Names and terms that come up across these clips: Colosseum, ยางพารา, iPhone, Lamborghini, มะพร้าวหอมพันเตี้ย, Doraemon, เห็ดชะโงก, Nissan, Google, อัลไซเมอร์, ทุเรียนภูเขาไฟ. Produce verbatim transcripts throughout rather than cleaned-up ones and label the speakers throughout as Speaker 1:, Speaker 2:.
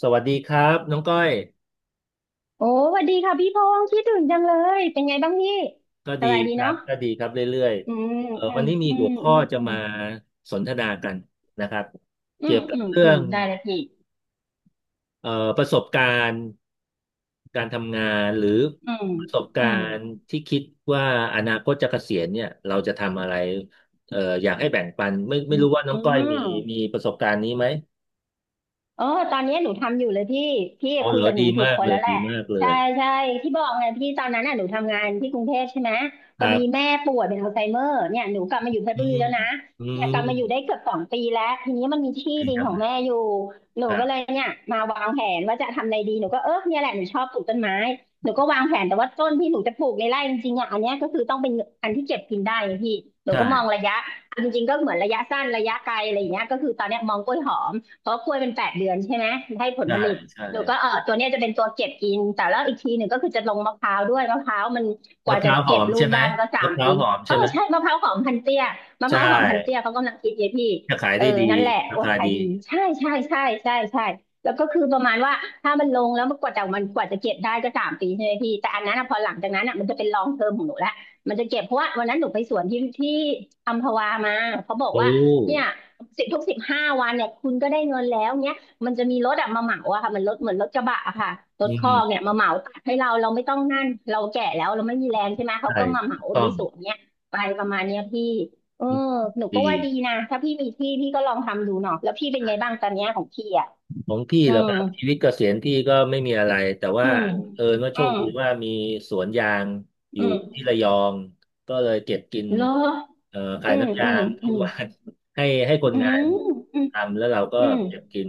Speaker 1: สวัสดีครับน้องก้อย
Speaker 2: โอ้สวัสดีค่ะพี่พงษ์คิดถึงจังเลยเป็นไงบ้างพี่
Speaker 1: ก็
Speaker 2: ส
Speaker 1: ดี
Speaker 2: บายดี
Speaker 1: ครั
Speaker 2: เนาะ
Speaker 1: บก็ดีครับเรื่อย
Speaker 2: อืม
Speaker 1: ๆเออ
Speaker 2: อื
Speaker 1: วั
Speaker 2: ม
Speaker 1: นนี้มี
Speaker 2: อื
Speaker 1: หั
Speaker 2: ม
Speaker 1: วข้
Speaker 2: อื
Speaker 1: อ
Speaker 2: ม
Speaker 1: จะ
Speaker 2: อืม
Speaker 1: มาสนทนากันนะครับ
Speaker 2: อื
Speaker 1: เกี่ย
Speaker 2: ม
Speaker 1: วกับ
Speaker 2: อืม
Speaker 1: เรื่
Speaker 2: อื
Speaker 1: อ
Speaker 2: ม
Speaker 1: ง
Speaker 2: ได้เลยพี่
Speaker 1: เอ่อประสบการณ์การทำงานหรือ
Speaker 2: อืม
Speaker 1: ประสบ
Speaker 2: อื
Speaker 1: กา
Speaker 2: ม
Speaker 1: รณ์ที่คิดว่าอนาคตจะเกษียณเนี่ยเราจะทำอะไรเอ่ออยากให้แบ่งปันไม่
Speaker 2: อื
Speaker 1: ไม่รู้ว่าน้องก้อยมี
Speaker 2: ม
Speaker 1: มีประสบการณ์นี้ไหม
Speaker 2: เออตอนนี้หนูทำอยู่เลยพี่พี่
Speaker 1: อ๋อ
Speaker 2: คุ
Speaker 1: เห
Speaker 2: ย
Speaker 1: รอ
Speaker 2: กับหนู
Speaker 1: ดี
Speaker 2: ถูก
Speaker 1: มาก
Speaker 2: คน
Speaker 1: เลย
Speaker 2: แล้วแห
Speaker 1: ดี
Speaker 2: ละ
Speaker 1: มากเล
Speaker 2: ใช่
Speaker 1: ย
Speaker 2: ใช่ที่บอกไงพี่ตอนนั้นน่ะหนูทำงานที่กรุงเทพใช่ไหม
Speaker 1: ค
Speaker 2: พอ
Speaker 1: รั
Speaker 2: ดี
Speaker 1: บ
Speaker 2: แม่ป่วยเป็นอัลไซเมอร์เนี่ยหนูกลับมาอยู่เพช
Speaker 1: อื
Speaker 2: รบุรี
Speaker 1: ม
Speaker 2: แล้วนะ
Speaker 1: อื
Speaker 2: เนี่ยกลับมาอยู่
Speaker 1: ม
Speaker 2: ได้เกือบสองปีแล้วทีนี้มันมีที่
Speaker 1: ดี
Speaker 2: ดิน
Speaker 1: จัง
Speaker 2: ของ
Speaker 1: เลย
Speaker 2: แม่อยู่หนู
Speaker 1: ครั
Speaker 2: ก็เลย
Speaker 1: บ
Speaker 2: เนี่ยมาวางแผนว่าจะทำอะไรดีหนูก็เออเนี่ยแหละหนูชอบปลูกต้นไม้หนูก็วางแผนแต่ว่าต้นที่หนูจะปลูกในไร่จริงๆอ่ะอันเนี้ยก็คือต้องเป็นอันที่เก็บกินได้ไงพี่หนู
Speaker 1: ใช่
Speaker 2: ก็มองระยะจริงๆก็เหมือนระยะสั้นระยะไกลอะไรอย่างเงี้ยก็คือตอนเนี้ยมองกล้วยหอม เพราะกล้วยเป็นแปดเดือนใช่ไหมให้ผล
Speaker 1: ใช่
Speaker 2: ผลิต
Speaker 1: ใช่
Speaker 2: หนูก็เออตัวเนี้ยจะเป็นตัวเก็บกินแต่แล้วอีกทีหนึ่งก็คือจะลงมะพร้าวด้วยมะพร้าวมันก
Speaker 1: มะ
Speaker 2: ว่า
Speaker 1: พ
Speaker 2: จะ
Speaker 1: ร้าวหอ
Speaker 2: เก็บ
Speaker 1: ม
Speaker 2: ลู
Speaker 1: ใช่
Speaker 2: ก
Speaker 1: ไหม
Speaker 2: ได้มันก็สา
Speaker 1: มะ
Speaker 2: ม
Speaker 1: พร้า
Speaker 2: ปี
Speaker 1: วหอม
Speaker 2: เอ
Speaker 1: ใช่
Speaker 2: อ
Speaker 1: ไหม
Speaker 2: ใช่มะพร้าวหอมพันเตี้ยมะ
Speaker 1: ใช
Speaker 2: พร้าวหอมพันเตี้ย
Speaker 1: ่
Speaker 2: เขากำลังคิดเยพี่
Speaker 1: จะขาย
Speaker 2: เออ
Speaker 1: ได้ดี
Speaker 2: นั่นแหละ
Speaker 1: รา
Speaker 2: โอ้
Speaker 1: คา
Speaker 2: ขาย
Speaker 1: ดี
Speaker 2: ดีใช่ใช่ใช่ใช่ใช่แล้วก็คือประมาณว่าถ้ามันลงแล้วมันกว่าจะมันกว่าจะเก็บได้ก็สามปีใช่ไหมพี่แต่อันนั้นอะพอหลังจากนั้นอะมันจะเป็นลองเทอมของหนูละมันจะเก็บเพราะว่าวันนั้นหนูไปสวนที่ที่อัมพวามาเขาบอก
Speaker 1: โอ้
Speaker 2: ว่าเนี่ย สิบทุกสิบห้าวันเนี่ยคุณก็ได้เงินแล้วเนี้ยมันจะมีรถอะมาเหมาอะค่ะมันรถเหมือนรถกระบะอะค่ะร
Speaker 1: อื
Speaker 2: ถคอ
Speaker 1: ม
Speaker 2: กเนี่ยมาเหมาตัดให้เราเราไม่ต้องนั่นเราแก่แล้วเราไม่มีแรงใช่ไหมเขา
Speaker 1: ใช่
Speaker 2: ก็มาเห
Speaker 1: ถู
Speaker 2: มา
Speaker 1: กต้อ
Speaker 2: ดี
Speaker 1: ง
Speaker 2: สวนเนี่ยไปประมาณเนี้ยพี่เออ
Speaker 1: อืม
Speaker 2: หนู
Speaker 1: ดี
Speaker 2: ก็ว่าดีนะถ้าพี่มีที่พี่ก็ลองทำดูเนาะแล้วพี่เป็นไงบ้างตอนเนี้ยของพี่อะ
Speaker 1: ของพี่
Speaker 2: อื
Speaker 1: เหรอ
Speaker 2: ม
Speaker 1: ครับชีวิตเกษียณพี่ก็ไม่มีอะไรแต่
Speaker 2: อื
Speaker 1: ว่า
Speaker 2: ม
Speaker 1: เออว่าโช
Speaker 2: อื
Speaker 1: ค
Speaker 2: ม
Speaker 1: ดีว่ามีสวนยางอ
Speaker 2: อื
Speaker 1: ยู่ที่
Speaker 2: ม
Speaker 1: ระยองก็เลยเก็บกิน
Speaker 2: เหรอ
Speaker 1: เอ่อขา
Speaker 2: อื
Speaker 1: ย
Speaker 2: ม
Speaker 1: น้ำ
Speaker 2: อื
Speaker 1: ยา
Speaker 2: ม
Speaker 1: ง
Speaker 2: อื
Speaker 1: ทุก
Speaker 2: ม
Speaker 1: วัน ให้ให้คน
Speaker 2: อื
Speaker 1: งา
Speaker 2: ม
Speaker 1: นทำแล้วเราก็
Speaker 2: อืม
Speaker 1: เก็บกิน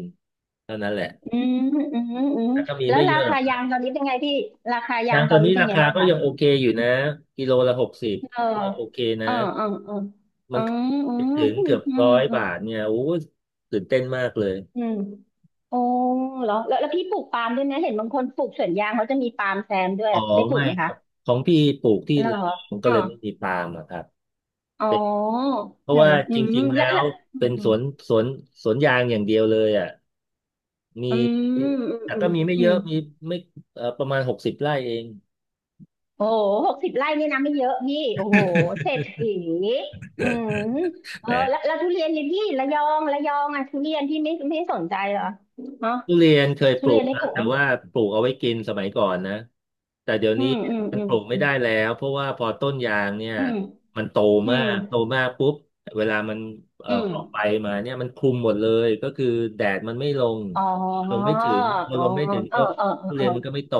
Speaker 1: เท่านั้นแหละ
Speaker 2: อืมอืมอืมอืม
Speaker 1: แต่ก็มี
Speaker 2: แล้ว
Speaker 1: ไม่เย
Speaker 2: รา
Speaker 1: อะ
Speaker 2: คายางตอนนี้เป็นไงพี่ราคายา
Speaker 1: ยา
Speaker 2: ง
Speaker 1: ง
Speaker 2: ต
Speaker 1: ตอ
Speaker 2: อน
Speaker 1: น
Speaker 2: นี้
Speaker 1: นี้
Speaker 2: เป็น
Speaker 1: รา
Speaker 2: ไง
Speaker 1: คา
Speaker 2: บ้าง
Speaker 1: ก็
Speaker 2: คะ
Speaker 1: ยังโอเคอยู่นะกิโลละหกสิบ
Speaker 2: เออ
Speaker 1: ก็ยังโอเคนะ
Speaker 2: เออเออเออ
Speaker 1: มั
Speaker 2: อ๋อ
Speaker 1: น
Speaker 2: อ๋อ
Speaker 1: ถึง
Speaker 2: พู
Speaker 1: เกื
Speaker 2: ด
Speaker 1: อบ
Speaker 2: อื
Speaker 1: ร้
Speaker 2: ม
Speaker 1: อย
Speaker 2: อืม
Speaker 1: บาทเนี่ยโอ้ยตื่นเต้นมากเลย
Speaker 2: อืมโอ้เหรอแล้วแล้วพี่ปลูกปาล์มด้วยนะเห็นบางคนปลูกสวนยางเขาจะมีปาล์มแซมด้วย
Speaker 1: อ๋อ
Speaker 2: ได้ปลู
Speaker 1: ไม่
Speaker 2: กไหม
Speaker 1: ค
Speaker 2: คะ
Speaker 1: รับของพี่ปลูกที่
Speaker 2: เหรอ
Speaker 1: ระยองก็
Speaker 2: อ๋อ
Speaker 1: เลยไม่มีปาล์มอะครับ
Speaker 2: อ๋อ
Speaker 1: เพ
Speaker 2: เอ
Speaker 1: ราะ
Speaker 2: อ
Speaker 1: ว่า
Speaker 2: อื
Speaker 1: จ
Speaker 2: ม
Speaker 1: ริงๆแล้
Speaker 2: แล้ว
Speaker 1: ว
Speaker 2: แล้วอื
Speaker 1: เป็
Speaker 2: ม
Speaker 1: น
Speaker 2: อื
Speaker 1: ส
Speaker 2: ม
Speaker 1: วนสวนสวนยางอย่างเดียวเลยอ่ะมี
Speaker 2: อืม
Speaker 1: แต่
Speaker 2: อื
Speaker 1: ก็
Speaker 2: ม
Speaker 1: มีไม่
Speaker 2: อื
Speaker 1: เย
Speaker 2: ม
Speaker 1: อะมีไม่เอ่อประมาณหกสิบไร่เอง
Speaker 2: โอ้หหกสิบไร่นี่นะไม่เยอะพี่โอ้โหเศรษฐีอืม เอ
Speaker 1: แห
Speaker 2: อแล้ว
Speaker 1: ม
Speaker 2: แล้วทุเรียนนี่พี่ระยองระยองอ่ะทุเรียนพี่ไม่ไม่สนใจเหรอเนาะ
Speaker 1: ทุเรียนเคยป
Speaker 2: ทุ
Speaker 1: ลู
Speaker 2: เรีย
Speaker 1: ก
Speaker 2: นได้
Speaker 1: ครั
Speaker 2: ป
Speaker 1: บ
Speaker 2: ลูกไห
Speaker 1: แต่
Speaker 2: ม
Speaker 1: ว่าปลูกเอาไว้กินสมัยก่อนนะแต่เดี๋ยว
Speaker 2: อื
Speaker 1: นี้
Speaker 2: มอืม
Speaker 1: มัน
Speaker 2: อื
Speaker 1: ปลูกไม่
Speaker 2: ม
Speaker 1: ได้แล้วเพราะว่าพอต้นยางเนี่ย
Speaker 2: อืม
Speaker 1: มันโต
Speaker 2: อื
Speaker 1: มา
Speaker 2: ม
Speaker 1: กโตมากปุ๊บเวลามันเอ่อ
Speaker 2: อืม
Speaker 1: ออกไปมาเนี่ยมันคลุมหมดเลยก็คือแดดมันไม่ลง
Speaker 2: อ๋อ
Speaker 1: ลง
Speaker 2: อ๋อ
Speaker 1: ไม่ถึงพอ
Speaker 2: เออ
Speaker 1: ลงไม่ถึง
Speaker 2: เออ
Speaker 1: ก็
Speaker 2: เออ
Speaker 1: ทุ
Speaker 2: เอ
Speaker 1: เรี
Speaker 2: อ
Speaker 1: ยนมันก็ไม่โต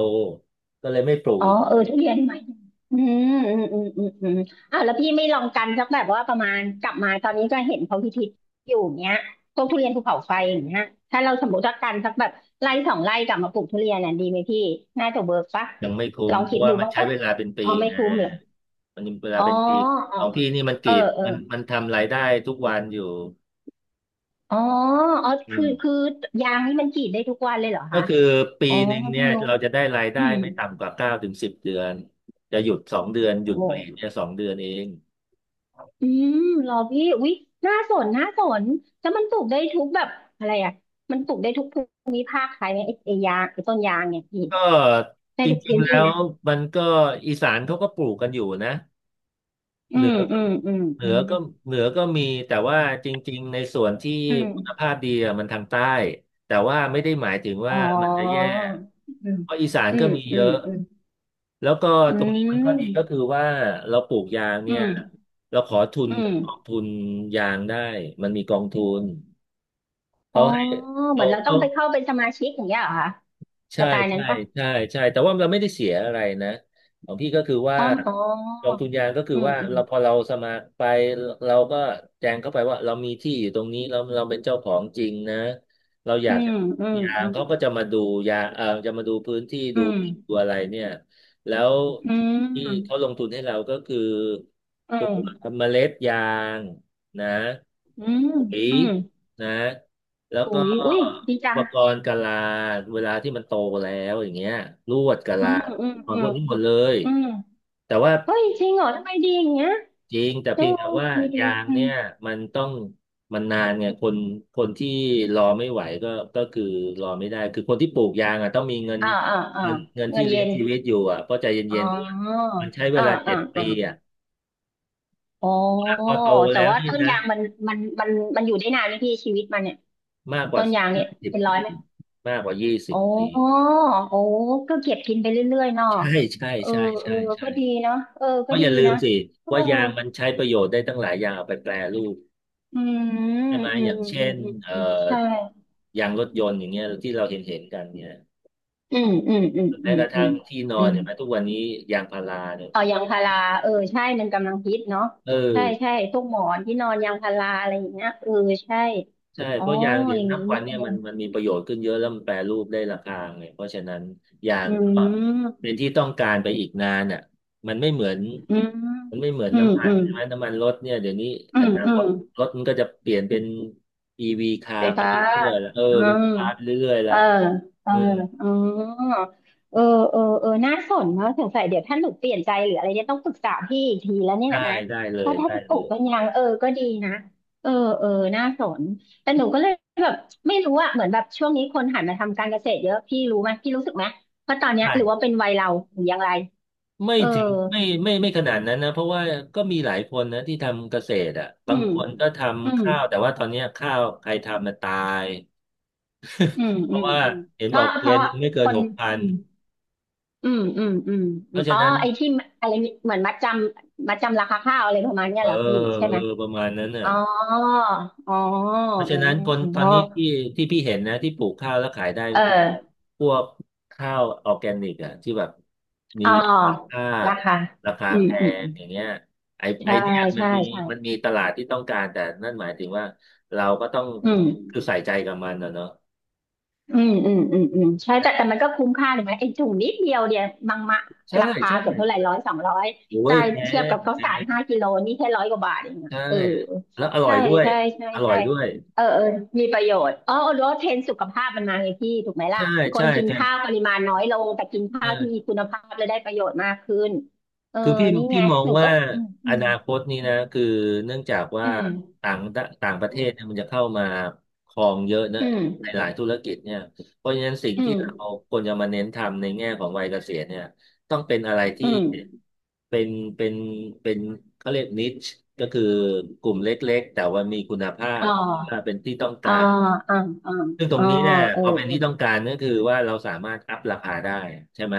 Speaker 1: ก็เลยไม่ปลูก
Speaker 2: อ๋อ
Speaker 1: อีก
Speaker 2: เอ
Speaker 1: เล
Speaker 2: อ
Speaker 1: ย
Speaker 2: ทุเรียนไหมอืมอืมอืมอืมอืมอ่ะแล้วพี่ไม่ลองกันสักแบบว่าประมาณกลับมาตอนนี้ก็เห็นเขาพิธีอยู่เนี้ยพวกทุเรียนภูเขาไฟอย่างเงี้ยถ้าเราสมมติว่ากันสักแบบไร่สองไร่กลับมาปลูกทุเรียนน่ะดีไหมพี่น่าจะเวิร์กปะ
Speaker 1: ยังไม่คุ้
Speaker 2: ล
Speaker 1: ม
Speaker 2: อง
Speaker 1: เพ
Speaker 2: คิ
Speaker 1: ราะ
Speaker 2: ด
Speaker 1: ว่า
Speaker 2: ดู
Speaker 1: มัน
Speaker 2: บ้าง
Speaker 1: ใช้
Speaker 2: ปะ
Speaker 1: เวลาเป็นปี
Speaker 2: เอาไม่
Speaker 1: ไง
Speaker 2: คุ้มเหรอ
Speaker 1: มันเวลา
Speaker 2: อ๋อ
Speaker 1: เป็นปีข
Speaker 2: อ๋อ
Speaker 1: องพี่นี่มันก
Speaker 2: เอ
Speaker 1: รี
Speaker 2: อ
Speaker 1: ด
Speaker 2: เออ
Speaker 1: มันมันทำรายได้ทุกวันอยู่
Speaker 2: อ๋ออ๋อ
Speaker 1: อื
Speaker 2: คือ
Speaker 1: ม
Speaker 2: คือยางนี่มันกรีดได้ทุกวันเลยเหรอ
Speaker 1: ก็
Speaker 2: คะ
Speaker 1: คือปี
Speaker 2: อ๋อ
Speaker 1: หนึ่งเนี่
Speaker 2: เพิ่ง
Speaker 1: ย
Speaker 2: รู้
Speaker 1: เราจะได้รายได้
Speaker 2: อืม
Speaker 1: ไม่ต่ำกว่าเก้าถึงสิบเดือนจะหยุดสองเดือนหยุ
Speaker 2: โอ
Speaker 1: ดปลีก
Speaker 2: ้
Speaker 1: เนี่ยสองเดือนเอง
Speaker 2: อืมเหรอพี่อุ๊ยน่าสนน่าสนแล้วมันปลูกได้ทุกแบบอะไรอ่ะมันปลูกได้ทุกภูมิภาคใช่ไหมไอ้ไอ้ยางไอ้ต้นยางเนี่ยพี่
Speaker 1: ก็
Speaker 2: ได้
Speaker 1: จ
Speaker 2: ทุก
Speaker 1: ริง
Speaker 2: พื้น
Speaker 1: ๆแล้
Speaker 2: ที่
Speaker 1: ว
Speaker 2: นะ
Speaker 1: มันก็อีสานเขาก็ปลูกกันอยู่นะ
Speaker 2: อื
Speaker 1: เหนื
Speaker 2: ม
Speaker 1: อ
Speaker 2: อื
Speaker 1: ก็
Speaker 2: มอืม
Speaker 1: เห
Speaker 2: อื
Speaker 1: นือ
Speaker 2: ม
Speaker 1: ก็เหนือก็มีแต่ว่าจริงๆในส่วนที่
Speaker 2: อืม
Speaker 1: คุณภาพดีอะมันทางใต้แต่ว่าไม่ได้หมายถึง
Speaker 2: อ๋อ
Speaker 1: ว่ามันจะแย่
Speaker 2: อืม
Speaker 1: เพราะอีสาน
Speaker 2: อื
Speaker 1: ก็
Speaker 2: ม
Speaker 1: มี
Speaker 2: อื
Speaker 1: เย
Speaker 2: ม
Speaker 1: อะ
Speaker 2: อืม
Speaker 1: แล้วก็
Speaker 2: อื
Speaker 1: ตรงนี้มันข้อดีก็
Speaker 2: ม
Speaker 1: คือว่าเราปลูกยาง
Speaker 2: อื
Speaker 1: เนี่ย
Speaker 2: ม
Speaker 1: เราขอทุน
Speaker 2: อื
Speaker 1: กั
Speaker 2: ม
Speaker 1: บกองทุนยางได้มันมีกองทุน
Speaker 2: อ๋อ
Speaker 1: เขาให้
Speaker 2: เหมื
Speaker 1: เขา
Speaker 2: อนเราต้อ
Speaker 1: เขา
Speaker 2: งไปเข้าเป็นสมาชิกอย่างเงี้ยเหรอคะส
Speaker 1: ใช่
Speaker 2: ไตล์นั้น
Speaker 1: ใช่
Speaker 2: ปะ
Speaker 1: ใช่ใช่แต่ว่าเราไม่ได้เสียอะไรนะของพี่ก็คือว่า
Speaker 2: อ๋อมอ๋อ
Speaker 1: กองทุนยางก็คือ
Speaker 2: อืม
Speaker 1: ว่า
Speaker 2: อืม
Speaker 1: เราพอเราสมัครไปเราก็แจ้งเข้าไปว่าเรามีที่อยู่ตรงนี้เราเราเป็นเจ้าของจริงนะเราอ
Speaker 2: อื
Speaker 1: ยาก
Speaker 2: ม
Speaker 1: จะ
Speaker 2: อืม
Speaker 1: ยา
Speaker 2: อื
Speaker 1: ง
Speaker 2: ม
Speaker 1: เขาก็จะมาดูยาเออจะมาดูพื้นที่
Speaker 2: อื
Speaker 1: ดู
Speaker 2: ม
Speaker 1: ตัวอะไรเนี่ยแล้ว
Speaker 2: อื
Speaker 1: ที่
Speaker 2: ม
Speaker 1: เขาลงทุนให้เราก็คือ
Speaker 2: อื
Speaker 1: ตัว
Speaker 2: ม
Speaker 1: เมล็ดยางนะ
Speaker 2: อืม
Speaker 1: ปุ๋ย
Speaker 2: อืม
Speaker 1: นะแล้วก็
Speaker 2: อุ้ยอุ้ยดี
Speaker 1: อุ
Speaker 2: จั
Speaker 1: ป
Speaker 2: ง
Speaker 1: กรณ์กะลาเวลาที่มันโตแล้วอย่างเงี้ยลวดกะ
Speaker 2: อื
Speaker 1: ลา
Speaker 2: มอืม
Speaker 1: อุปกร
Speaker 2: อื
Speaker 1: ณ์พ
Speaker 2: ม
Speaker 1: วกนี้หมดเลย
Speaker 2: อืม
Speaker 1: แต่ว่า
Speaker 2: เฮ้ยจริงเหรอทำไมดีอย่างเงี้ย
Speaker 1: จริงแต่
Speaker 2: เออ
Speaker 1: เพียงแต่ว่า
Speaker 2: ดีดี
Speaker 1: ยาง
Speaker 2: อืม
Speaker 1: เนี่ยมันต้องมันนานไงคนคนที่รอไม่ไหวก็ก็คือรอไม่ได้คือคนที่ปลูกยางอ่ะต้องมีเงิน
Speaker 2: อ่าอ่าอ่า
Speaker 1: เงินเงิน
Speaker 2: เงิ
Speaker 1: ที่
Speaker 2: น
Speaker 1: เลี้
Speaker 2: เย็
Speaker 1: ยง
Speaker 2: น
Speaker 1: ชีวิตอยู่อ่ะเพราะใจ
Speaker 2: อ๋
Speaker 1: เย็
Speaker 2: อ
Speaker 1: นๆด้วยมันใช้เว
Speaker 2: อ่า
Speaker 1: ลาเจ็
Speaker 2: อ่า
Speaker 1: ดปี
Speaker 2: อ่า
Speaker 1: อ่ะ
Speaker 2: อ๋อ
Speaker 1: พอโต
Speaker 2: แต่
Speaker 1: แล้ว
Speaker 2: ว่า
Speaker 1: นี่
Speaker 2: ต้น
Speaker 1: นะ
Speaker 2: ยางมันมันมันมันอยู่ได้นานไหมพี่ชีวิตมันเนี่ย
Speaker 1: มากก
Speaker 2: ต้
Speaker 1: ว่า
Speaker 2: นยางเนี่
Speaker 1: ยี่
Speaker 2: ย
Speaker 1: สิบ
Speaker 2: เป็นร้อย
Speaker 1: ปี
Speaker 2: ไหม
Speaker 1: มากกว่ายี่สิบ
Speaker 2: อ๋อ
Speaker 1: ปี
Speaker 2: โอ้ก็เก็บกินไปเรื่อยๆเนาะ
Speaker 1: ใช่ใช่
Speaker 2: เออ
Speaker 1: ใช่
Speaker 2: เอ
Speaker 1: ใช่
Speaker 2: อ
Speaker 1: ใช่
Speaker 2: ก็ดีเนาะเออ
Speaker 1: เพ
Speaker 2: ก็
Speaker 1: ราะอ
Speaker 2: ดี
Speaker 1: ย่าลืม
Speaker 2: นะ
Speaker 1: สิ
Speaker 2: เออ
Speaker 1: ว่ายางมันใช้ประโยชน์ได้ตั้งหลายอย่างเอาไปแปรรูป
Speaker 2: อืม
Speaker 1: ใช่ไหม
Speaker 2: อื
Speaker 1: อ
Speaker 2: ม
Speaker 1: ย่าง
Speaker 2: อืม
Speaker 1: เช่
Speaker 2: อื
Speaker 1: น
Speaker 2: ม
Speaker 1: เอ่อ
Speaker 2: อืมใช่
Speaker 1: ยางรถยนต์อย่างเงี้ยที่เราเห็นเห็นกันเนี่ย
Speaker 2: อืมอืมอื
Speaker 1: ห
Speaker 2: ม
Speaker 1: รือ
Speaker 2: อื
Speaker 1: แม้ก
Speaker 2: ม
Speaker 1: ระ
Speaker 2: อื
Speaker 1: ทั่ง
Speaker 2: ม
Speaker 1: ที่นอ
Speaker 2: อื
Speaker 1: น
Speaker 2: ม
Speaker 1: เนี่ยแม้ทุกวันนี้ยางพาราเนี่ย
Speaker 2: เอายางพาราเออใช่มันกำลังฮิตเนาะ
Speaker 1: เออ
Speaker 2: ใช่ใช่พวกหมอนที่นอนยางพาราอะไรอย่างเงี้ยเออใช่
Speaker 1: ใช่
Speaker 2: อ๋
Speaker 1: เพ
Speaker 2: อ
Speaker 1: ราะยางเดี๋ย
Speaker 2: อ
Speaker 1: ว
Speaker 2: ย่าง
Speaker 1: นับ
Speaker 2: นี้
Speaker 1: วัน
Speaker 2: นี่
Speaker 1: เนี่
Speaker 2: เอ
Speaker 1: ยมั
Speaker 2: ง
Speaker 1: นมันมีประโยชน์ขึ้นเยอะแล้วมันแปรรูปได้ราคาไงเพราะฉะนั้นยาง
Speaker 2: อื
Speaker 1: ก็
Speaker 2: ม
Speaker 1: เป็นที่ต้องการไปอีกนานอ่ะมันไม่เหมือน
Speaker 2: อืม
Speaker 1: มันไม่เหมือน
Speaker 2: อืม
Speaker 1: น้ำมั
Speaker 2: อื
Speaker 1: น
Speaker 2: ม
Speaker 1: ใช่ไหมน้ำมันรถเนี่ยเดี๋ยวนี้
Speaker 2: อื
Speaker 1: อ
Speaker 2: ม
Speaker 1: นา
Speaker 2: อื
Speaker 1: ค
Speaker 2: ม
Speaker 1: ตรถมันก็จะเปลี่ยนเป็นอีวีคา
Speaker 2: ไฟ
Speaker 1: ร์ไป
Speaker 2: ฟ้า
Speaker 1: เรื่อยๆแล้วเออ
Speaker 2: อื
Speaker 1: เป็น
Speaker 2: ม
Speaker 1: คาร์ไปเรื่อยๆแล้
Speaker 2: เอ
Speaker 1: ว
Speaker 2: อเออ
Speaker 1: เออ
Speaker 2: อ๋อเออเออเออน่าสนเนาะสงสัยเดี๋ยวถ้าหนูเปลี่ยนใจหรืออะไรเนี่ยต้องปรึกษาพี่อีกทีแล้วเนี่ย
Speaker 1: ได้
Speaker 2: นะ
Speaker 1: ได้เล
Speaker 2: ว่า
Speaker 1: ย
Speaker 2: ถ้า
Speaker 1: ได้
Speaker 2: จะป
Speaker 1: เล
Speaker 2: ลูก
Speaker 1: ย
Speaker 2: เป็นยังเออก็ดีนะเออเออน่าสนแต่หนูก็เลยแบบไม่รู้อะเหมือนแบบช่วงนี้คนหันมาทำการเกษตรเยอะพี่รู้ไหมพี่รู้สึกไหมว่าตอนเนี้ย
Speaker 1: ใช่
Speaker 2: หรือว่าเป็นวัยเราหรืออย่างไร
Speaker 1: ไม่
Speaker 2: เออ
Speaker 1: ถึงไม่ไม่ไม่ขนาดนั้นนะเพราะว่าก็มีหลายคนนะที่ทำเกษตรอ่ะ
Speaker 2: อื
Speaker 1: บาง
Speaker 2: ม
Speaker 1: คนก็ท
Speaker 2: อื
Speaker 1: ำ
Speaker 2: ม
Speaker 1: ข้าวแต่ว่าตอนเนี้ยข้าวใครทำมันตาย
Speaker 2: อืม
Speaker 1: เพ
Speaker 2: อื
Speaker 1: ราะ
Speaker 2: ม
Speaker 1: ว่า
Speaker 2: อืม
Speaker 1: เห็น
Speaker 2: เพ
Speaker 1: บอ
Speaker 2: ราะ
Speaker 1: กเก
Speaker 2: เพ
Speaker 1: วียน
Speaker 2: ราะ
Speaker 1: หนึ่งไม่เกิ
Speaker 2: ค
Speaker 1: น
Speaker 2: น
Speaker 1: หกพั
Speaker 2: อื
Speaker 1: น
Speaker 2: ม อืมอืมอืม
Speaker 1: เพ
Speaker 2: อืม
Speaker 1: ราะฉะ
Speaker 2: อ๋อ
Speaker 1: นั้น
Speaker 2: ไอ้ที่อะไรเหมือนมัดจำมัดจำราคาข้าวอะไรประมาณเนี้
Speaker 1: เอ
Speaker 2: ย
Speaker 1: อ
Speaker 2: เหรอพี่ใช่
Speaker 1: เอ
Speaker 2: ไห
Speaker 1: อ
Speaker 2: ม
Speaker 1: ประมาณนั้นน่ะ
Speaker 2: อ๋ออ๋ออ๋อ
Speaker 1: เพราะฉะนั้นคนตอน
Speaker 2: อ๋อ
Speaker 1: นี้ที่ที่พี่เห็นนะที่ปลูกข้าวแล้วขายได้
Speaker 2: เอ
Speaker 1: ก็คือ
Speaker 2: อ
Speaker 1: พวกข้าวออร์แกนิกอะที่แบบมี
Speaker 2: อ๋อ
Speaker 1: คุณภาพ
Speaker 2: ราคา
Speaker 1: ราคา
Speaker 2: อื
Speaker 1: แพ
Speaker 2: มอืม
Speaker 1: ง
Speaker 2: อืม
Speaker 1: อย่างเงี้ยไอไอ
Speaker 2: ใช่
Speaker 1: เนี่ยมัน
Speaker 2: ใช่
Speaker 1: มี
Speaker 2: ใช่
Speaker 1: มันมีตลาดที่ต้องการแต่นั่นหมายถึงว่าเราก็ต้อง
Speaker 2: อืม
Speaker 1: คือใส่ใจกับมันนะเนาะ
Speaker 2: อืมอืมอืมอืมใช่แต่แต่มันก็คุ้มค่าถูกไหมไอ้ถุงนิดเดียวเนี่ยมังมะ
Speaker 1: ใช่
Speaker 2: ราคา
Speaker 1: ใช่
Speaker 2: เกือบเท่าไหร่ร้อยสองร้อย
Speaker 1: โอ้
Speaker 2: ใช่
Speaker 1: ยแพ
Speaker 2: เทียบ
Speaker 1: ง
Speaker 2: กับข้า
Speaker 1: แพ
Speaker 2: วสาร
Speaker 1: ง
Speaker 2: ห้ากิโลนี่แค่ร้อยกว่าบาทเองอะ
Speaker 1: ใช่
Speaker 2: เออ
Speaker 1: แล้วอร่อ
Speaker 2: ใช่
Speaker 1: ยด้วย
Speaker 2: ใช่ใช่
Speaker 1: อร่อ
Speaker 2: ใช่
Speaker 1: ยด้วย
Speaker 2: เออเออมีประโยชน์อ๋อลดเทรนด์สุขภาพมันมาไงพี่ถูกไหมล่ะ
Speaker 1: ใช่
Speaker 2: ค
Speaker 1: ใช่
Speaker 2: นกิน
Speaker 1: แท
Speaker 2: ข้าวปริมาณน้อยลงแต่กินข้าวที่มี
Speaker 1: ใช่
Speaker 2: คุณภาพและได้ประโยชน์มากขึ้นเออ
Speaker 1: คือพี่
Speaker 2: นี่
Speaker 1: พี่
Speaker 2: ไง
Speaker 1: มอง
Speaker 2: หนู
Speaker 1: ว่า
Speaker 2: ก็อื
Speaker 1: อ
Speaker 2: ม
Speaker 1: นาคตนี้นะคือเนื่องจากว่า
Speaker 2: อืม
Speaker 1: ต่างต่างประเทศเนี่ยมันจะเข้ามาครองเยอะเนอะ
Speaker 2: อื
Speaker 1: ใน
Speaker 2: ม
Speaker 1: หลายธุรกิจเนี่ยเพราะฉะนั้นสิ่ง
Speaker 2: อื
Speaker 1: ที่เรา
Speaker 2: ม
Speaker 1: ควรจะมาเน้นทำในแง่ของวัยเกษียณเนี่ยต้องเป็นอะไร
Speaker 2: อื
Speaker 1: ที่
Speaker 2: มอืม
Speaker 1: เป็นเป็นเป็นเขาเรียกนิชก็คือกลุ่มเล็กๆแต่ว่ามีคุณภา
Speaker 2: อ๋
Speaker 1: พว่า
Speaker 2: อ
Speaker 1: เป็นที่ต้อง
Speaker 2: อ๋
Speaker 1: กา
Speaker 2: อ
Speaker 1: ร
Speaker 2: อ๋ออ๋อ
Speaker 1: ซึ่งตร
Speaker 2: อ๋
Speaker 1: ง
Speaker 2: อ
Speaker 1: นี้เนี่ย
Speaker 2: เออ
Speaker 1: พอเป็นที่ต้องการก็คือว่าเราสามารถอัพราคาได้ใช่ไหม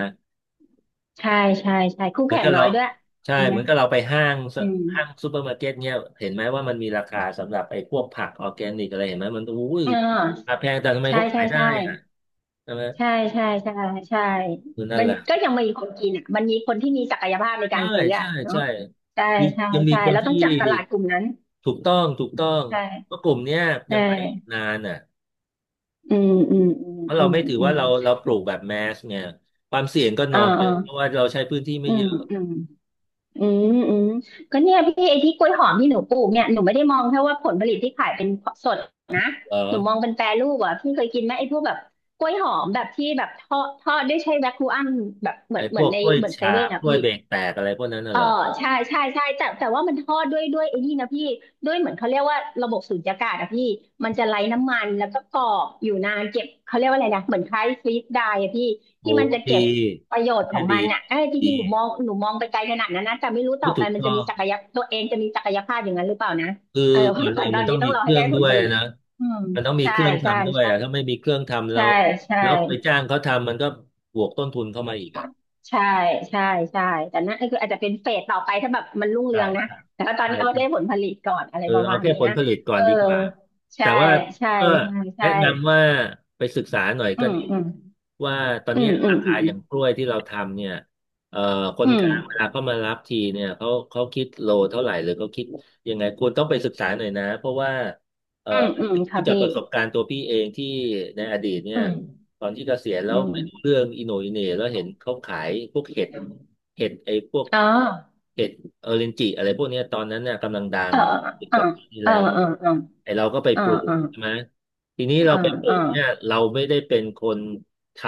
Speaker 2: ใช่ใช่ใช่คู่
Speaker 1: เหมือน
Speaker 2: แข่ง
Speaker 1: กับ
Speaker 2: น้อ
Speaker 1: เรา
Speaker 2: ยด้วย
Speaker 1: ใช่
Speaker 2: จริงไห
Speaker 1: เห
Speaker 2: ม
Speaker 1: มือนกับเราไปห้างซะ
Speaker 2: อืม
Speaker 1: ห้างซูเปอร์มาร์เก็ตเนี่ยเห็นไหมว่ามันมีราคาสำหรับไอ้พวกผักออร์แกนิกอะไรเห็นไหมมันอุ้ย
Speaker 2: เอ
Speaker 1: รา
Speaker 2: อ
Speaker 1: คาแพงแต่ทำไม
Speaker 2: ใช่
Speaker 1: เขาขา
Speaker 2: ใช่
Speaker 1: ยได้
Speaker 2: ใช่
Speaker 1: อ่ะใช่ไหม
Speaker 2: ใช่ใช่ใช่ใช่
Speaker 1: คือนั่น
Speaker 2: มัน
Speaker 1: แหละ
Speaker 2: ก็ยังมีคนกินอ่ะมันมีคนที่มีศักยภาพในกา
Speaker 1: ใช่
Speaker 2: รซื้ออ่ะ
Speaker 1: ใช่
Speaker 2: เนาะ
Speaker 1: ใช่
Speaker 2: ใช่
Speaker 1: คือ
Speaker 2: ใช่
Speaker 1: ยังมี
Speaker 2: ใช่
Speaker 1: คน
Speaker 2: แล้วต้
Speaker 1: ที่
Speaker 2: องจับตลาดกลุ่มนั้น
Speaker 1: ถูกต้องถูกต้องเพ
Speaker 2: ใช่
Speaker 1: ราะกลุ่มเนี้ย
Speaker 2: ใช
Speaker 1: ยังไปอีก
Speaker 2: ่
Speaker 1: นานอ่ะ
Speaker 2: อืมอืมอืม
Speaker 1: เพราะ
Speaker 2: อื
Speaker 1: เรา
Speaker 2: ม
Speaker 1: ไม่ถือ
Speaker 2: อื
Speaker 1: ว่า
Speaker 2: ม
Speaker 1: เราเราปลูกแบบแมสเนี่ยความเสี่ยงก็
Speaker 2: อ่า
Speaker 1: น้อย
Speaker 2: อ่า
Speaker 1: เพราะว่าเราใช้พื้นที่ไม่
Speaker 2: อื
Speaker 1: เย
Speaker 2: ม
Speaker 1: อะ
Speaker 2: อืม อืมอืมก็เนี่ยพี่ไอ้ที่กล้วยหอมที่หนูปลูกเนี่ยหนูไม่ได้มองแค่ว่าผลผลิตที่ขายเป็นสดนะ
Speaker 1: เหร
Speaker 2: หนูมอง
Speaker 1: อ
Speaker 2: เป็นแปรรูปอ่ะพี่เคยกินไหมไอ้พวกแบบกล้วยหอมแบบที่แบบทอดทอดด้วยใช้แวคคูอัมแบบเหมื
Speaker 1: ไอ้
Speaker 2: อนเห
Speaker 1: พ
Speaker 2: มือ
Speaker 1: ว
Speaker 2: น
Speaker 1: ก
Speaker 2: ใน
Speaker 1: กล้วย
Speaker 2: เหมือนเซ
Speaker 1: ฉา
Speaker 2: เว่น
Speaker 1: บ
Speaker 2: อ่ะ
Speaker 1: กล้วย
Speaker 2: พี่
Speaker 1: เบรกแตกอะไรพวกนั้นน่ะ
Speaker 2: เออ
Speaker 1: เหรอ
Speaker 2: ใช่ใช่ใช่แต่แต่ว่ามันทอดด้วยด้วยไอ้นี่นะพี่ด้วยเหมือนเขาเรียกว่าระบบสูญญากาศอะพี่มันจะไร้น้ำมันแล้วก็กรอบอยู่นานเก็บเขาเรียกว่าอะไรนะเหมือนคล้ายฟรีซไดรอะพี่
Speaker 1: โอ้
Speaker 2: ที่มันจะ
Speaker 1: ดี
Speaker 2: เก็บประโยชน์ข
Speaker 1: เนี่
Speaker 2: อ
Speaker 1: ย
Speaker 2: ง
Speaker 1: ดี
Speaker 2: มันอะเอ้ยจ
Speaker 1: ดี
Speaker 2: ริงๆหนูมองหนูมองไปไกลขนาดนั้นนะแต่ไม่รู้
Speaker 1: โอ้
Speaker 2: ต่อไป
Speaker 1: ถูก
Speaker 2: มัน
Speaker 1: ต้อ
Speaker 2: จะมี
Speaker 1: ง
Speaker 2: ศักยะตัวเองจะมีศักยภาพอย่างนั้นหรือเปล่านะ
Speaker 1: คือ
Speaker 2: เออ เพ
Speaker 1: ก่
Speaker 2: ราะ
Speaker 1: อนเลย
Speaker 2: ตอ
Speaker 1: มัน
Speaker 2: น
Speaker 1: ต้อ
Speaker 2: นี้
Speaker 1: ง
Speaker 2: ต้อ
Speaker 1: มี
Speaker 2: งรอ
Speaker 1: เค
Speaker 2: ให้
Speaker 1: รื่อ
Speaker 2: ได้
Speaker 1: ง
Speaker 2: ผ
Speaker 1: ด้
Speaker 2: ล
Speaker 1: วย
Speaker 2: ผลิต
Speaker 1: นะ
Speaker 2: อืม
Speaker 1: มันต้องมี
Speaker 2: ใช่
Speaker 1: เครื่อง
Speaker 2: ใช่
Speaker 1: ทำด้วยอ่ะถ้า
Speaker 2: ใช่
Speaker 1: ไม่มีเครื่องทำแล้
Speaker 2: ใช่
Speaker 1: ว
Speaker 2: ใช่
Speaker 1: แล้วไปจ้างเขาทำมันก็บวกต้นทุนเข้ามาอีกอ่ะ
Speaker 2: ใช่ใช่ใช่แต่นั่นก็คืออาจจะเป็นเฟสต่อไปถ้าแบบมันรุ่งเรื
Speaker 1: ใช่
Speaker 2: องนะ
Speaker 1: ใช่
Speaker 2: แต่ว่าตอน
Speaker 1: ใช
Speaker 2: นี้เอาได้ผ
Speaker 1: ่
Speaker 2: ลผลิตก่อนอะไร
Speaker 1: เออ
Speaker 2: ประ
Speaker 1: เอา
Speaker 2: มาณ
Speaker 1: แค่
Speaker 2: เนี้
Speaker 1: ผ
Speaker 2: ย
Speaker 1: ลผลิตก่อ
Speaker 2: เอ
Speaker 1: น
Speaker 2: อ
Speaker 1: ดีกว่าแต่
Speaker 2: ใช่
Speaker 1: ว่า
Speaker 2: ใช่
Speaker 1: ก็
Speaker 2: ใช่
Speaker 1: แนะ
Speaker 2: ใช่
Speaker 1: นำว่าไปศึกษาหน่อย
Speaker 2: อื
Speaker 1: ก็
Speaker 2: ม
Speaker 1: ดี
Speaker 2: อืม
Speaker 1: ว่าตอน
Speaker 2: อื
Speaker 1: นี้
Speaker 2: มอื
Speaker 1: รา
Speaker 2: มอื
Speaker 1: คา
Speaker 2: ม
Speaker 1: อย่างกล้วยที่เราทำเนี่ยเอ่อค
Speaker 2: อื
Speaker 1: นก
Speaker 2: ม
Speaker 1: ลางเวลาเขามารับทีเนี่ยเขาเขาคิดโลเท่าไหร่หรือเขาคิดยังไงคุณต้องไปศึกษาหน่อยนะเพราะว่าเอ่อ
Speaker 2: อืม
Speaker 1: อั
Speaker 2: อื
Speaker 1: น
Speaker 2: ม
Speaker 1: นี้พู
Speaker 2: ค่ะ
Speaker 1: ดจาก
Speaker 2: พี่
Speaker 1: ประสบการณ์ตัวพี่เองที่ในอดีตเนี่
Speaker 2: อื
Speaker 1: ย
Speaker 2: ม
Speaker 1: ตอนที่เกษียณแล้
Speaker 2: อื
Speaker 1: วไม่รู้
Speaker 2: ม
Speaker 1: เรื่องอิโหนอิเหน่แล้วเห็นเขาขายพวกเห็ดเห็ดไอ้พวก
Speaker 2: อ๋อ
Speaker 1: เห็ดเออเรนจิอะไรพวกเนี้ยตอนนั้นเนี่ยกำลังดั
Speaker 2: เอ
Speaker 1: ง
Speaker 2: อ
Speaker 1: สิบ
Speaker 2: เอ
Speaker 1: ก
Speaker 2: อ
Speaker 1: ว่าปีที่
Speaker 2: เออ
Speaker 1: แล้ว
Speaker 2: เออเออ
Speaker 1: ไอเราก็ไป
Speaker 2: เออ
Speaker 1: ปลู
Speaker 2: เอ
Speaker 1: ก
Speaker 2: อ
Speaker 1: ใช่ไหมทีนี้
Speaker 2: เออ
Speaker 1: เราไปปลู
Speaker 2: เออ
Speaker 1: กเนี่ยเราไม่ได้เป็นคนท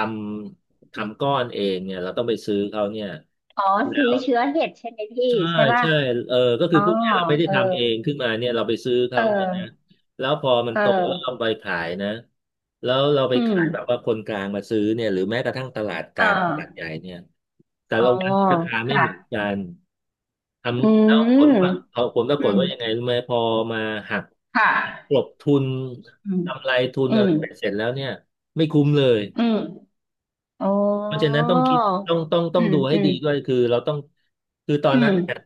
Speaker 1: ำทำก้อนเองเนี่ยเราต้องไปซื้อเขาเนี่ย
Speaker 2: อ๋อ
Speaker 1: แล้
Speaker 2: ซื้อ
Speaker 1: ว
Speaker 2: เชื้อเห็ดใช่ไหมพี่
Speaker 1: ใช่
Speaker 2: ใช่ป่ะ
Speaker 1: ใช่เออก็คื
Speaker 2: อ๋
Speaker 1: อ
Speaker 2: อ
Speaker 1: พูดง่ายๆเราไม่ได้
Speaker 2: เออ
Speaker 1: ทำเองขึ้นมาเนี่ยเราไปซื้อ
Speaker 2: เอ
Speaker 1: เขา
Speaker 2: อ
Speaker 1: เนี่ยนะแล้วพอมัน
Speaker 2: เ
Speaker 1: โตแล้วเอา
Speaker 2: ออ
Speaker 1: ไปขายนะแล้วเราไป
Speaker 2: อืม
Speaker 1: ขายแบบว่าคนกลางมาซื้อเนี่ยหรือแม้กระทั่งตลาดก
Speaker 2: อ่า
Speaker 1: ลางตลาดใหญ่เนี่ยแต่
Speaker 2: อ๋อ
Speaker 1: ละวันราคาไม่
Speaker 2: ค่ะ
Speaker 1: เหมือนกัน ท
Speaker 2: อื
Speaker 1: ำแล้ว
Speaker 2: ม
Speaker 1: ผลว่าพอผลปรา
Speaker 2: อื
Speaker 1: กฏ
Speaker 2: ม
Speaker 1: ว่ายังไงรู้ไหมพอมาหัก
Speaker 2: ค่
Speaker 1: ก
Speaker 2: ะ
Speaker 1: ลบทุน
Speaker 2: อืม
Speaker 1: กำไรทุน
Speaker 2: อื
Speaker 1: อะไร
Speaker 2: ม
Speaker 1: ไปเสร็จแล้วเนี่ยไม่คุ้มเลย
Speaker 2: อืมอ๋อ
Speaker 1: เพราะฉะนั้นต้องคิดต้องต้องต้อ
Speaker 2: อื
Speaker 1: ง
Speaker 2: ม
Speaker 1: ดูให้
Speaker 2: อื
Speaker 1: ดี
Speaker 2: ม
Speaker 1: ด้วยคือเราต้องคือตอน
Speaker 2: อื
Speaker 1: นั้
Speaker 2: ม
Speaker 1: นเนี่ย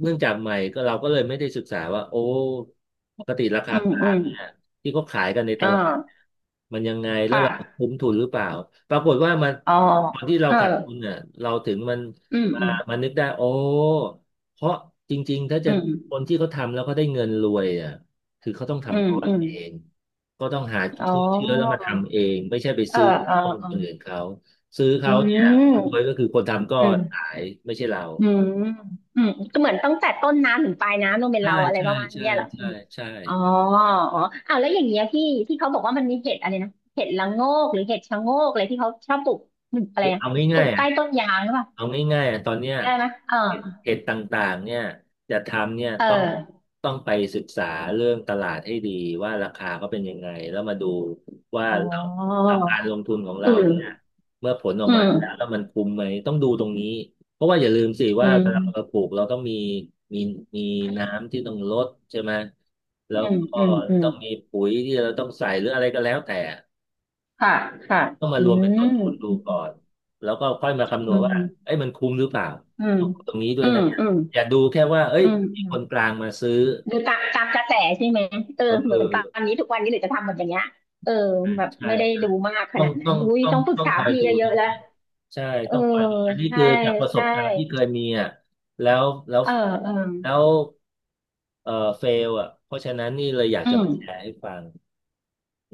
Speaker 1: เนื่องจากใหม่ก็เราก็เลยไม่ได้ศึกษาว่าโอ้ปกติราคา
Speaker 2: อืม
Speaker 1: กลา
Speaker 2: อื
Speaker 1: ง
Speaker 2: ม
Speaker 1: เนี่ยที่เขาขายกันในต
Speaker 2: อ่
Speaker 1: ลาด
Speaker 2: า
Speaker 1: มันยังไงแล้ว
Speaker 2: ค่ะ
Speaker 1: เราคุ้มทุนหรือเปล่าปรากฏว่ามัน
Speaker 2: อ๋อ
Speaker 1: ตอนที่เรา
Speaker 2: เออ
Speaker 1: ขาดทุนเนี่ยเราถึงมัน
Speaker 2: อืม
Speaker 1: มา
Speaker 2: อืม
Speaker 1: มานึกได้โอ้เพราะจริงๆถ้าจะ
Speaker 2: อืม
Speaker 1: คนที่เขาทำแล้วเขาได้เงินรวยอ่ะคือเขาต้อง
Speaker 2: อื
Speaker 1: ทำ
Speaker 2: ม
Speaker 1: ก้อน
Speaker 2: อืม
Speaker 1: เองก็ต้องหา
Speaker 2: อ๋
Speaker 1: ซื้อเชื้อแล้ว
Speaker 2: อ
Speaker 1: มาทำเองไม่ใช่ไป
Speaker 2: เออ
Speaker 1: ซื้อ
Speaker 2: เออ
Speaker 1: ก้อนค
Speaker 2: เอ
Speaker 1: น
Speaker 2: อ
Speaker 1: อื่นเขาซื้อ
Speaker 2: อื
Speaker 1: เขาเนี่ยคนรวยก็
Speaker 2: ม
Speaker 1: คือคนทำก้อ
Speaker 2: อื
Speaker 1: น
Speaker 2: ม
Speaker 1: ขายไม่ใช่เรา
Speaker 2: อืมอืมก็เหมือนตั้งแต่ต้นน้ำถึงปลายน้ำต้องเป็น
Speaker 1: ใช่
Speaker 2: เราอะไร
Speaker 1: ใช่
Speaker 2: ประมาณ
Speaker 1: ใช่
Speaker 2: เนี้ยเหรอ
Speaker 1: ใช่
Speaker 2: พี่
Speaker 1: ใช่
Speaker 2: อ๋ออ๋ออ้าวแล้วอย่างเงี้ยพี่ที่เขาบอกว่ามันมีเห็ดอะไรนะเห็ดละโงกหรือเห็ดชะโงกอะไรที่เขาชอบปลูกอะไร
Speaker 1: คือ
Speaker 2: นะ
Speaker 1: เอา
Speaker 2: ปลู
Speaker 1: ง่าย
Speaker 2: ก
Speaker 1: ๆอ่ะ
Speaker 2: ใต้ต้นยางหรือเปล่า
Speaker 1: เอาง่ายๆอ่ะตอนเนี้ย
Speaker 2: ได้ไหมเออ
Speaker 1: เห็ดเพจต่างๆเนี่ยจะทำเนี่ย
Speaker 2: เ
Speaker 1: ต้อง
Speaker 2: ออ
Speaker 1: ต้องไปศึกษาเรื่องตลาดให้ดีว่าราคาเขาเป็นยังไงแล้วมาดูว่า
Speaker 2: อ๋อ
Speaker 1: เราเราการลงทุนของ
Speaker 2: อื
Speaker 1: เราเนี่ย
Speaker 2: ม
Speaker 1: เมื่อผลออก
Speaker 2: อื
Speaker 1: มา
Speaker 2: ม
Speaker 1: แล้วแล้วมันคุ้มไหมต้องดูตรงนี้เพราะว่าอย่าลืมสิ
Speaker 2: อื
Speaker 1: ว่าเวลาเรา
Speaker 2: ม
Speaker 1: ปลูกเราต้องมีมีมีน้ำที่ต้องลดใช่ไหมแล้
Speaker 2: อื
Speaker 1: ว
Speaker 2: ม
Speaker 1: ก็
Speaker 2: อืมอืม
Speaker 1: ต้องมีปุ๋ยที่เราต้องใส่หรืออะไรก็แล้วแต่
Speaker 2: ค่ะค่ะ
Speaker 1: ต้องมา
Speaker 2: อื
Speaker 1: รวมเป็นต้
Speaker 2: ม
Speaker 1: นทุนดูก่อนแล้วก็ค่อยมาคำน
Speaker 2: อื
Speaker 1: วณว่า
Speaker 2: ม
Speaker 1: เอ้ยมันคุ้มหรือเปล่า
Speaker 2: อืม
Speaker 1: ต้องดูตรงนี้ด้ว
Speaker 2: อื
Speaker 1: ย
Speaker 2: ม
Speaker 1: นะ
Speaker 2: อืม
Speaker 1: อย่าดูแค่ว่าเอ้ย
Speaker 2: อืม
Speaker 1: มี
Speaker 2: อื
Speaker 1: ค
Speaker 2: ม
Speaker 1: นกลางมาซื้อ
Speaker 2: หรือตามตามกระแสใช่ไหมเออเห
Speaker 1: เอ
Speaker 2: มือน
Speaker 1: อ
Speaker 2: ตอนนี้ทุกวันนี้เลยจะทำแบบอย่างเงี้ยเออแบบ
Speaker 1: ใช่
Speaker 2: ไม่ได้
Speaker 1: ใช่
Speaker 2: ดูมากข
Speaker 1: ต้อง
Speaker 2: นาดนั้
Speaker 1: ต้อ
Speaker 2: น
Speaker 1: ง
Speaker 2: อุ้ย
Speaker 1: ต้อง
Speaker 2: ต้องปรึก
Speaker 1: ต้อง
Speaker 2: ษา
Speaker 1: คอย
Speaker 2: พี่
Speaker 1: ดู
Speaker 2: เยอะ
Speaker 1: นะ
Speaker 2: ๆแล้ว
Speaker 1: ใช่
Speaker 2: เออ
Speaker 1: ต้องคอยดูอันนี้
Speaker 2: ใช่
Speaker 1: คือจากประส
Speaker 2: ใช่
Speaker 1: บการณ์ที่เคยมีอ่ะแล้วแล้ว
Speaker 2: เออเออ
Speaker 1: แล้วเอ่อเฟลอ่ะเพราะฉะนั้นนี่เลยอยาก
Speaker 2: อื
Speaker 1: จะ
Speaker 2: ม
Speaker 1: มาแชร์ให้ฟัง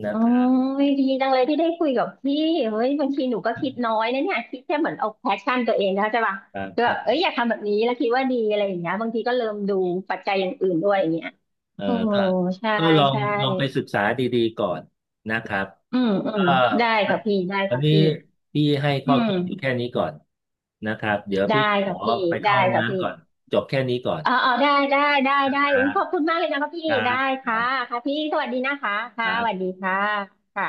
Speaker 1: นะ
Speaker 2: โอ้
Speaker 1: ครับ
Speaker 2: ยดีจังเลยที่ได้คุยกับพี่เฮ้ยบางทีหนูก็คิดน้อยนะเนี่ยคิดแค่เหมือนเอาแพชชั่นตัวเองนะใช่ป่ะ
Speaker 1: ครับ
Speaker 2: ก็
Speaker 1: ค
Speaker 2: แบ
Speaker 1: รั
Speaker 2: บเอ้ย
Speaker 1: บ
Speaker 2: อยากทำแบบนี้แล้วคิดว่าดีอะไรอย่างเงี้ยบางทีก็เริ่มดูปัจจัยอย่างอื่นด้วยอย่างเงี้ย
Speaker 1: เออ
Speaker 2: โอ้
Speaker 1: ก็
Speaker 2: ใช่
Speaker 1: ก็ลอง
Speaker 2: ใช่
Speaker 1: ลองไปศึกษาดีๆก่อนนะครับ
Speaker 2: อืมอื
Speaker 1: ก็
Speaker 2: มได้
Speaker 1: วัน
Speaker 2: ค่ะพี่ได้
Speaker 1: วัน
Speaker 2: ค่ะ
Speaker 1: นี้
Speaker 2: พี่
Speaker 1: พี่ให้
Speaker 2: อื
Speaker 1: ข้อ
Speaker 2: ม
Speaker 1: คิดอยู่แค่นี้ก่อนนะครับ เดี๋ยวพี่
Speaker 2: ได้
Speaker 1: ขอ
Speaker 2: ค่ะพี่
Speaker 1: ไปเข้า
Speaker 2: ได้
Speaker 1: ห้อง
Speaker 2: ค่ะพี่
Speaker 1: น้ำก่อนจบแค่นี้ก่อน
Speaker 2: อ๋ออ๋อได้ได้ได้ได้
Speaker 1: ครั
Speaker 2: อุ้ย
Speaker 1: บ
Speaker 2: ขอบคุณมากเลยนะคะพี่
Speaker 1: ครั
Speaker 2: ได้
Speaker 1: บครั
Speaker 2: ค่ะ
Speaker 1: บ
Speaker 2: ค่ะพี่สวัสดีนะคะ
Speaker 1: ค
Speaker 2: ค่ะ
Speaker 1: รั
Speaker 2: สวัส
Speaker 1: บ
Speaker 2: ดีค่ะค่ะ